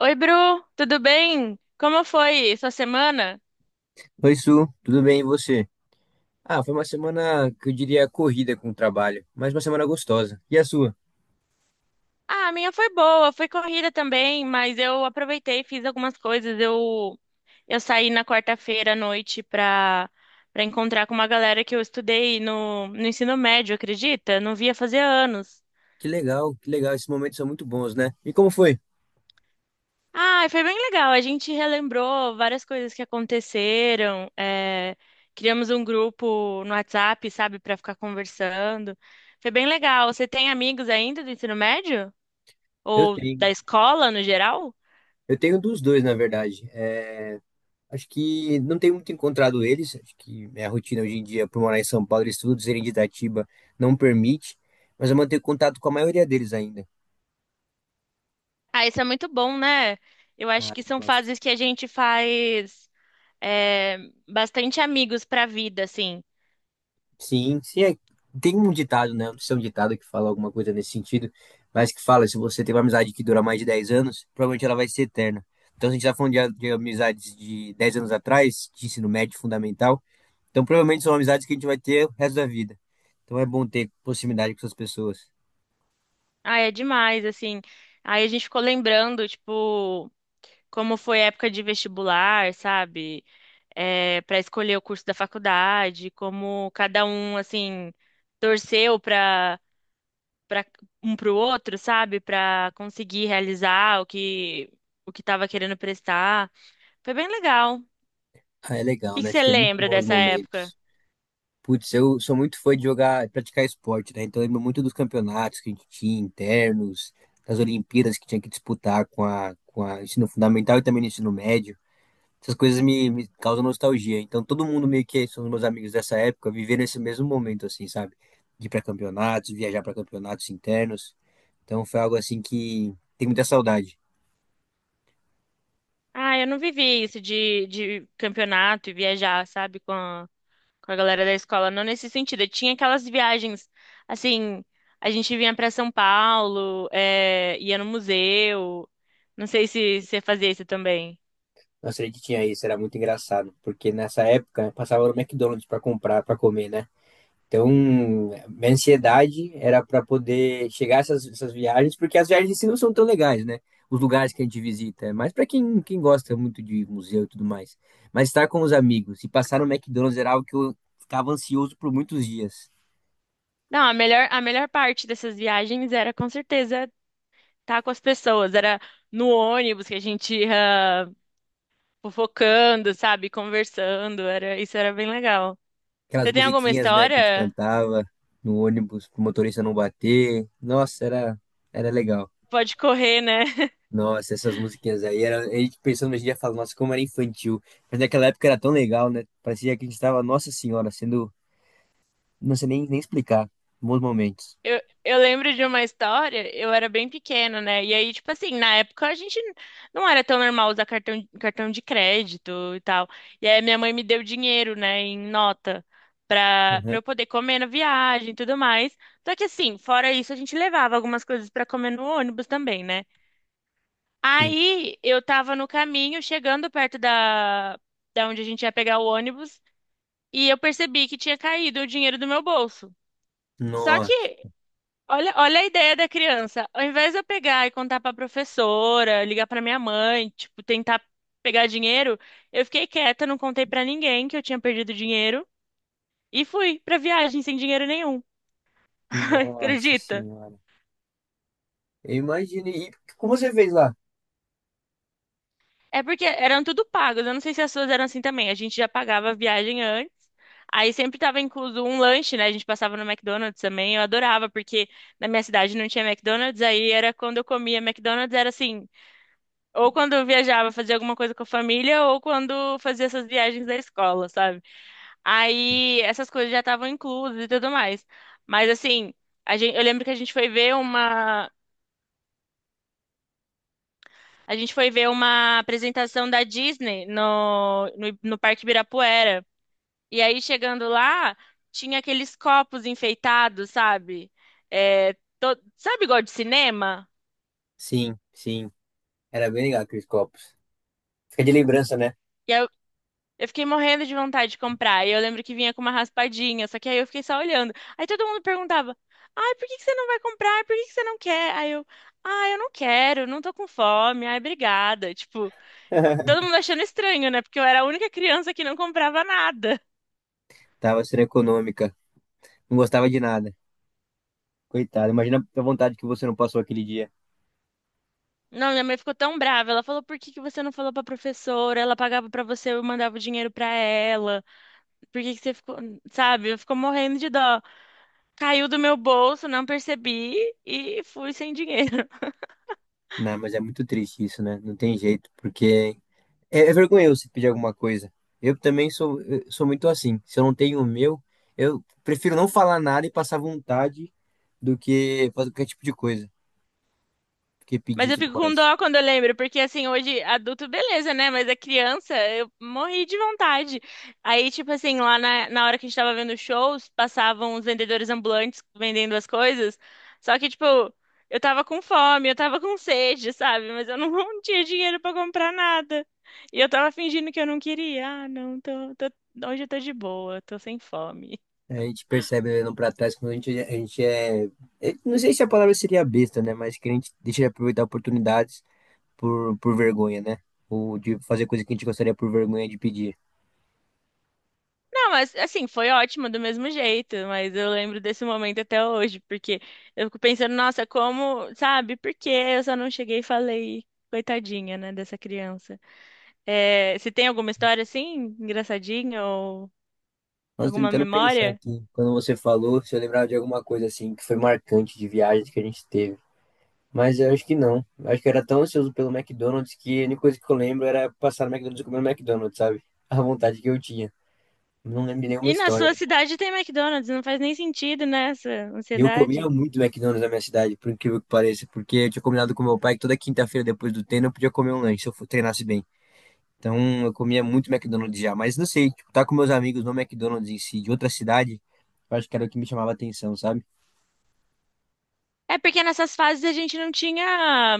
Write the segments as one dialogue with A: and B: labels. A: Oi, Bru, tudo bem? Como foi sua semana?
B: Oi, Su, tudo bem e você? Ah, foi uma semana que eu diria corrida com o trabalho, mas uma semana gostosa. E a sua?
A: Ah, a minha foi boa, foi corrida também, mas eu aproveitei, e fiz algumas coisas. Eu saí na quarta-feira à noite pra encontrar com uma galera que eu estudei no ensino médio, acredita? Não via fazer anos.
B: Que legal, esses momentos são muito bons, né? E como foi?
A: Ah, foi bem legal. A gente relembrou várias coisas que aconteceram. Criamos um grupo no WhatsApp, sabe, pra ficar conversando. Foi bem legal. Você tem amigos ainda do ensino médio?
B: Eu
A: Ou
B: tenho,
A: da escola no geral.
B: eu tenho dos dois, na verdade. É, acho que não tenho muito encontrado eles, acho que minha rotina hoje em dia, por morar em São Paulo, e estudos em Itatiba, não permite, mas eu mantenho contato com a maioria deles ainda.
A: Ah, isso é muito bom, né? Eu acho
B: Ah,
A: que
B: eu
A: são
B: gosto.
A: fases que a gente faz é, bastante amigos pra vida, assim.
B: Sim, sim, tem um ditado, né? Não sei é um ditado que fala alguma coisa nesse sentido, mas que fala, se você tem uma amizade que dura mais de 10 anos, provavelmente ela vai ser eterna. Então, se a gente tá falando de amizades de 10 anos atrás, de ensino médio fundamental, então provavelmente são amizades que a gente vai ter o resto da vida. Então é bom ter proximidade com essas pessoas.
A: Ah, é demais, assim. Aí a gente ficou lembrando, tipo, como foi a época de vestibular, sabe? É, para escolher o curso da faculdade, como cada um, assim, torceu para um para o outro, sabe? Para conseguir realizar o que estava querendo prestar. Foi bem legal.
B: Ah, é legal,
A: que
B: né?
A: que
B: A gente
A: você
B: tem muito
A: lembra
B: bons
A: dessa época?
B: momentos. Putz, eu sou muito fã de jogar, praticar esporte, né? Então eu lembro muito dos campeonatos que a gente tinha internos, das Olimpíadas que tinha que disputar com a ensino fundamental e também no ensino médio. Essas coisas me causam nostalgia. Então todo mundo meio que são os meus amigos dessa época, vivendo esse mesmo momento, assim, sabe? De ir pra campeonatos, viajar pra campeonatos internos. Então foi algo assim que tem muita saudade.
A: Ah, eu não vivi isso de campeonato e viajar, sabe, com a galera da escola. Não nesse sentido. Eu tinha aquelas viagens, assim, a gente vinha pra São Paulo, é, ia no museu. Não sei se você fazia isso também.
B: Nossa, a gente tinha isso, era muito engraçado, porque nessa época né, passava no McDonald's pra comprar, pra comer, né? Então, minha ansiedade era para poder chegar a essas viagens, porque as viagens em si não são tão legais, né? Os lugares que a gente visita, mas para quem gosta muito de museu e tudo mais. Mas estar com os amigos e passar no McDonald's era algo que eu ficava ansioso por muitos dias.
A: Não, a melhor parte dessas viagens era com certeza estar com as pessoas. Era no ônibus que a gente ia fofocando, sabe, conversando. Era, isso era bem legal. Você
B: Aquelas
A: tem alguma
B: musiquinhas, né, que a gente
A: história?
B: cantava no ônibus pro motorista não bater. Nossa, era legal.
A: Pode correr, né?
B: Nossa, essas musiquinhas aí, era, a gente pensando hoje em dia, fala, nossa, como era infantil. Mas naquela época era tão legal, né? Parecia que a gente estava, nossa senhora, sendo. Não sei nem explicar. Bons momentos.
A: Eu lembro de uma história, eu era bem pequena, né? E aí, tipo assim, na época a gente não era tão normal usar cartão, cartão de crédito e tal. E aí minha mãe me deu dinheiro, né, em nota, pra
B: Uhum.
A: eu poder comer na viagem e tudo mais. Só que assim, fora isso, a gente levava algumas coisas pra comer no ônibus também, né?
B: Sim.
A: Aí eu tava no caminho, chegando perto da onde a gente ia pegar o ônibus, e eu percebi que tinha caído o dinheiro do meu bolso. Só que
B: Nossa,
A: Olha, olha a ideia da criança. Ao invés de eu pegar e contar pra professora, ligar pra minha mãe, tipo, tentar pegar dinheiro, eu fiquei quieta, não contei pra ninguém que eu tinha perdido dinheiro e fui pra viagem sem dinheiro nenhum.
B: nossa
A: Acredita?
B: senhora. Eu imagino. E como você fez lá?
A: É porque eram tudo pagos. Eu não sei se as suas eram assim também. A gente já pagava a viagem antes. Aí sempre tava incluso um lanche, né? A gente passava no McDonald's também. Eu adorava, porque na minha cidade não tinha McDonald's. Aí era quando eu comia McDonald's, era assim. Ou quando eu viajava, fazia alguma coisa com a família, ou quando fazia essas viagens da escola, sabe? Aí essas coisas já estavam inclusas e tudo mais. Mas assim, a gente, eu lembro que a gente foi ver uma apresentação da Disney no Parque Ibirapuera. E aí chegando lá, tinha aqueles copos enfeitados, sabe? É, sabe igual de cinema?
B: Sim, sim. Era bem legal aqueles copos. Fica de lembrança, né?
A: E aí eu fiquei morrendo de vontade de comprar. E eu lembro que vinha com uma raspadinha, só que aí eu fiquei só olhando. Aí todo mundo perguntava: Ai, por que que você não vai comprar? Por que que você não quer? Aí eu: Ai, eu não quero, não tô com fome. Ai, obrigada. Tipo, todo mundo achando estranho, né? Porque eu era a única criança que não comprava nada.
B: Tava sendo econômica. Não gostava de nada. Coitado. Imagina a vontade que você não passou aquele dia.
A: Não, minha mãe ficou tão brava. Ela falou: Por que que você não falou pra professora? Ela pagava pra você, eu mandava o dinheiro pra ela. Por que que você ficou, sabe? Eu fico morrendo de dó. Caiu do meu bolso, não percebi e fui sem dinheiro.
B: Não, mas é muito triste isso, né? Não tem jeito, porque é, é vergonhoso se pedir alguma coisa. Eu sou muito assim. Se eu não tenho o meu, eu prefiro não falar nada e passar vontade do que fazer qualquer tipo de coisa, do que
A: Mas
B: pedir e
A: eu
B: tudo
A: fico com
B: mais.
A: dó quando eu lembro, porque assim, hoje adulto, beleza, né? Mas a criança, eu morri de vontade. Aí, tipo assim, lá na hora que a gente tava vendo shows, passavam os vendedores ambulantes vendendo as coisas. Só que, tipo, eu tava com fome, eu tava com sede, sabe? Mas eu não, não tinha dinheiro pra comprar nada. E eu tava fingindo que eu não queria. Ah, não, hoje eu tô de boa, tô sem fome.
B: É, a gente percebe olhando pra trás quando a gente é, não sei se a palavra seria besta, né? Mas que a gente deixa de aproveitar oportunidades por vergonha, né? Ou de fazer coisa que a gente gostaria por vergonha de pedir.
A: Ah, mas assim, foi ótimo do mesmo jeito, mas eu lembro desse momento até hoje, porque eu fico pensando, nossa, como, sabe, por que eu só não cheguei e falei, coitadinha, né, dessa criança. É, você tem alguma história assim, engraçadinha, ou
B: Nós
A: alguma
B: tentando pensar
A: memória?
B: aqui, quando você falou, se eu lembrava de alguma coisa assim que foi marcante de viagem que a gente teve. Mas eu acho que não. Eu acho que eu era tão ansioso pelo McDonald's que a única coisa que eu lembro era passar no McDonald's e comer no McDonald's, sabe? A vontade que eu tinha. Não lembro de nenhuma
A: E na
B: história.
A: sua cidade tem McDonald's, não faz nem sentido, né, essa
B: E eu comia
A: ansiedade.
B: muito McDonald's na minha cidade, por incrível que pareça, porque eu tinha combinado com meu pai que toda quinta-feira depois do treino eu podia comer um lanche se eu treinasse bem. Então eu comia muito McDonald's já, mas não sei, tipo, tá com meus amigos no McDonald's em si, de outra cidade, eu acho que era o que me chamava a atenção, sabe?
A: É porque nessas fases a gente não tinha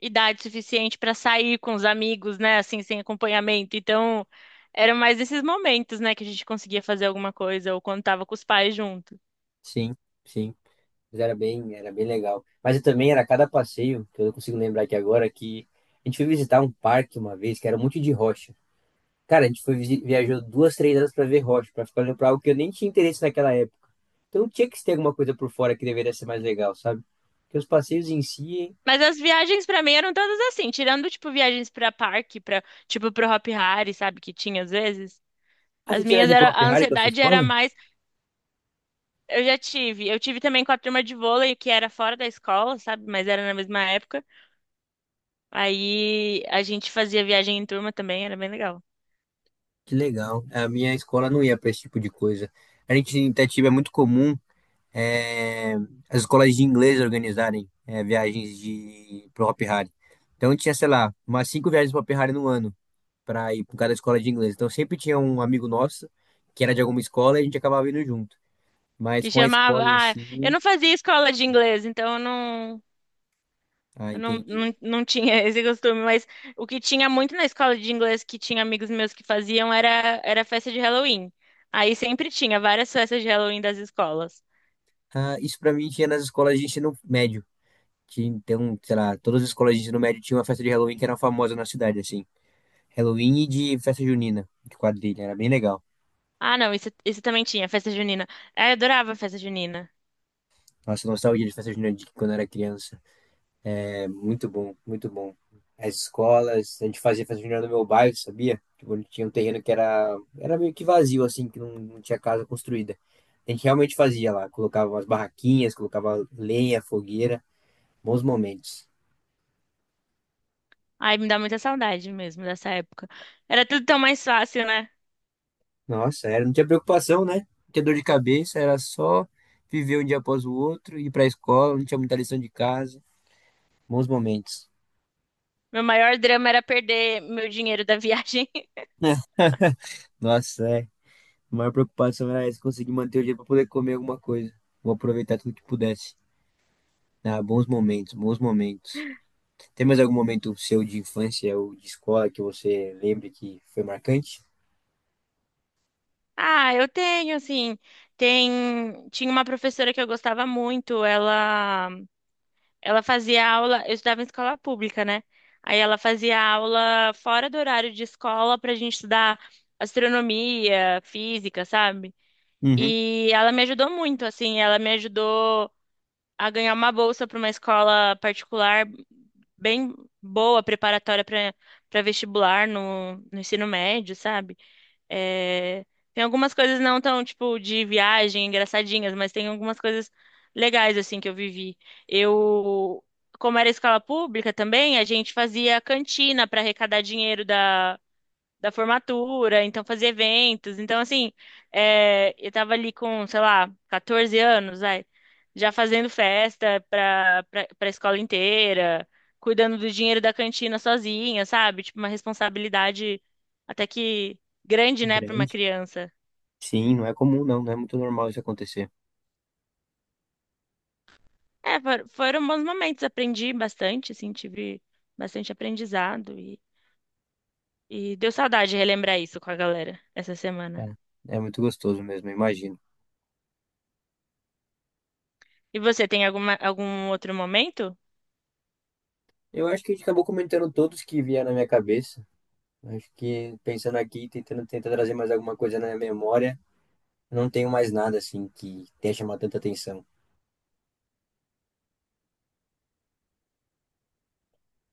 A: idade suficiente para sair com os amigos, né? Assim, sem acompanhamento. Então, eram mais esses momentos, né, que a gente conseguia fazer alguma coisa ou quando tava com os pais junto.
B: Sim, sim. Mas era bem legal. Mas eu também era cada passeio, que eu não consigo lembrar aqui agora, que a gente foi visitar um parque uma vez, que era um monte de rocha. Cara, a gente foi viajou duas, 3 horas pra ver rocha, pra ficar olhando pra algo que eu nem tinha interesse naquela época. Então tinha que ter alguma coisa por fora que deveria ser mais legal, sabe? Porque os passeios em si.
A: Mas as viagens pra mim eram todas assim, tirando tipo viagens pra parque, para tipo pro Hop Hari, sabe, que tinha às vezes.
B: Ah, você
A: As
B: tiver
A: minhas era
B: diploma
A: a
B: Ferrari com a sua
A: ansiedade era
B: escola?
A: mais, eu já tive. Eu tive também com a turma de vôlei que era fora da escola, sabe, mas era na mesma época. Aí a gente fazia viagem em turma também, era bem legal.
B: Que legal. A minha escola não ia pra esse tipo de coisa. A gente em Itatiba é muito comum. É, as escolas de inglês organizarem viagens de pro Hopi Hari. Então tinha, sei lá, umas cinco viagens pro Hopi Hari no ano para ir para cada escola de inglês. Então sempre tinha um amigo nosso que era de alguma escola e a gente acabava indo junto. Mas
A: Que
B: com a
A: chamava.
B: escola em
A: Ah, eu
B: si,
A: não fazia escola de inglês, então eu não,
B: ah,
A: eu não,
B: entendi.
A: não, não tinha esse costume. Mas o que tinha muito na escola de inglês, que tinha amigos meus que faziam, era festa de Halloween. Aí sempre tinha várias festas de Halloween das escolas.
B: Ah, isso para mim tinha nas escolas de ensino médio. Tinha, então, sei lá, todas as escolas de ensino médio tinham uma festa de Halloween que era famosa na cidade, assim. Halloween e de festa junina, de quadrilha, era bem legal.
A: Ah, não, isso também tinha, festa junina. Ah, eu adorava festa junina.
B: Nossa, nostalgia de festa junina de quando eu era criança. É muito bom, muito bom. As escolas, a gente fazia festa junina no meu bairro, sabia? Tipo, tinha um terreno que era, era meio que vazio, assim, que não tinha casa construída. A gente realmente fazia lá, colocava umas barraquinhas, colocava lenha, fogueira, bons momentos.
A: Ai, me dá muita saudade mesmo dessa época. Era tudo tão mais fácil, né?
B: Nossa, era, não tinha preocupação, né? Não tinha dor de cabeça, era só viver um dia após o outro, ir pra escola, não tinha muita lição de casa. Bons momentos.
A: Meu maior drama era perder meu dinheiro da viagem.
B: Nossa, é. A maior preocupação era essa, conseguir manter o dia pra poder comer alguma coisa. Vou aproveitar tudo que pudesse. Ah, bons momentos, bons momentos. Tem mais algum momento seu de infância ou de escola que você lembre que foi marcante?
A: Ah, eu tenho, assim, tem, tinha uma professora que eu gostava muito, ela fazia aula, eu estudava em escola pública, né? Aí ela fazia aula fora do horário de escola pra gente estudar astronomia, física, sabe?
B: Uhum.
A: E ela me ajudou muito, assim, ela me ajudou a ganhar uma bolsa para uma escola particular bem boa, preparatória para vestibular no ensino médio, sabe? É, tem algumas coisas não tão, tipo, de viagem, engraçadinhas, mas tem algumas coisas legais, assim, que eu vivi. Eu, como era escola pública também, a gente fazia cantina para arrecadar dinheiro da formatura, então fazia eventos. Então, assim, é, eu tava ali com, sei lá, 14 anos, vai, já fazendo festa pra escola inteira, cuidando do dinheiro da cantina sozinha, sabe? Tipo, uma responsabilidade até que grande, né, pra uma
B: Grande.
A: criança.
B: Sim, não é comum, não. Não é muito normal isso acontecer.
A: É, foram bons momentos, aprendi bastante, assim, tive bastante aprendizado e deu saudade relembrar isso com a galera essa semana.
B: É, é muito gostoso mesmo, imagino.
A: E você tem alguma, algum outro momento?
B: Eu acho que a gente acabou comentando todos que vieram na minha cabeça. Acho que pensando aqui, tentando trazer mais alguma coisa na minha memória, eu não tenho mais nada assim que tenha chamado tanta atenção.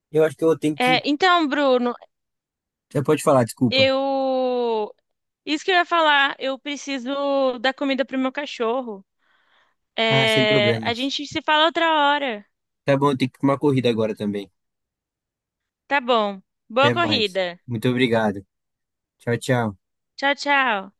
B: Eu acho que eu tenho que.
A: É, então, Bruno,
B: Você pode falar, desculpa.
A: eu. Isso que eu ia falar, eu preciso dar comida pro meu cachorro.
B: Ah, sem
A: É, a
B: problemas.
A: gente se fala outra hora.
B: Tá bom, eu tenho que ir pra uma corrida agora também.
A: Tá bom. Boa
B: Até mais.
A: corrida.
B: Muito obrigado. Tchau, tchau.
A: Tchau, tchau.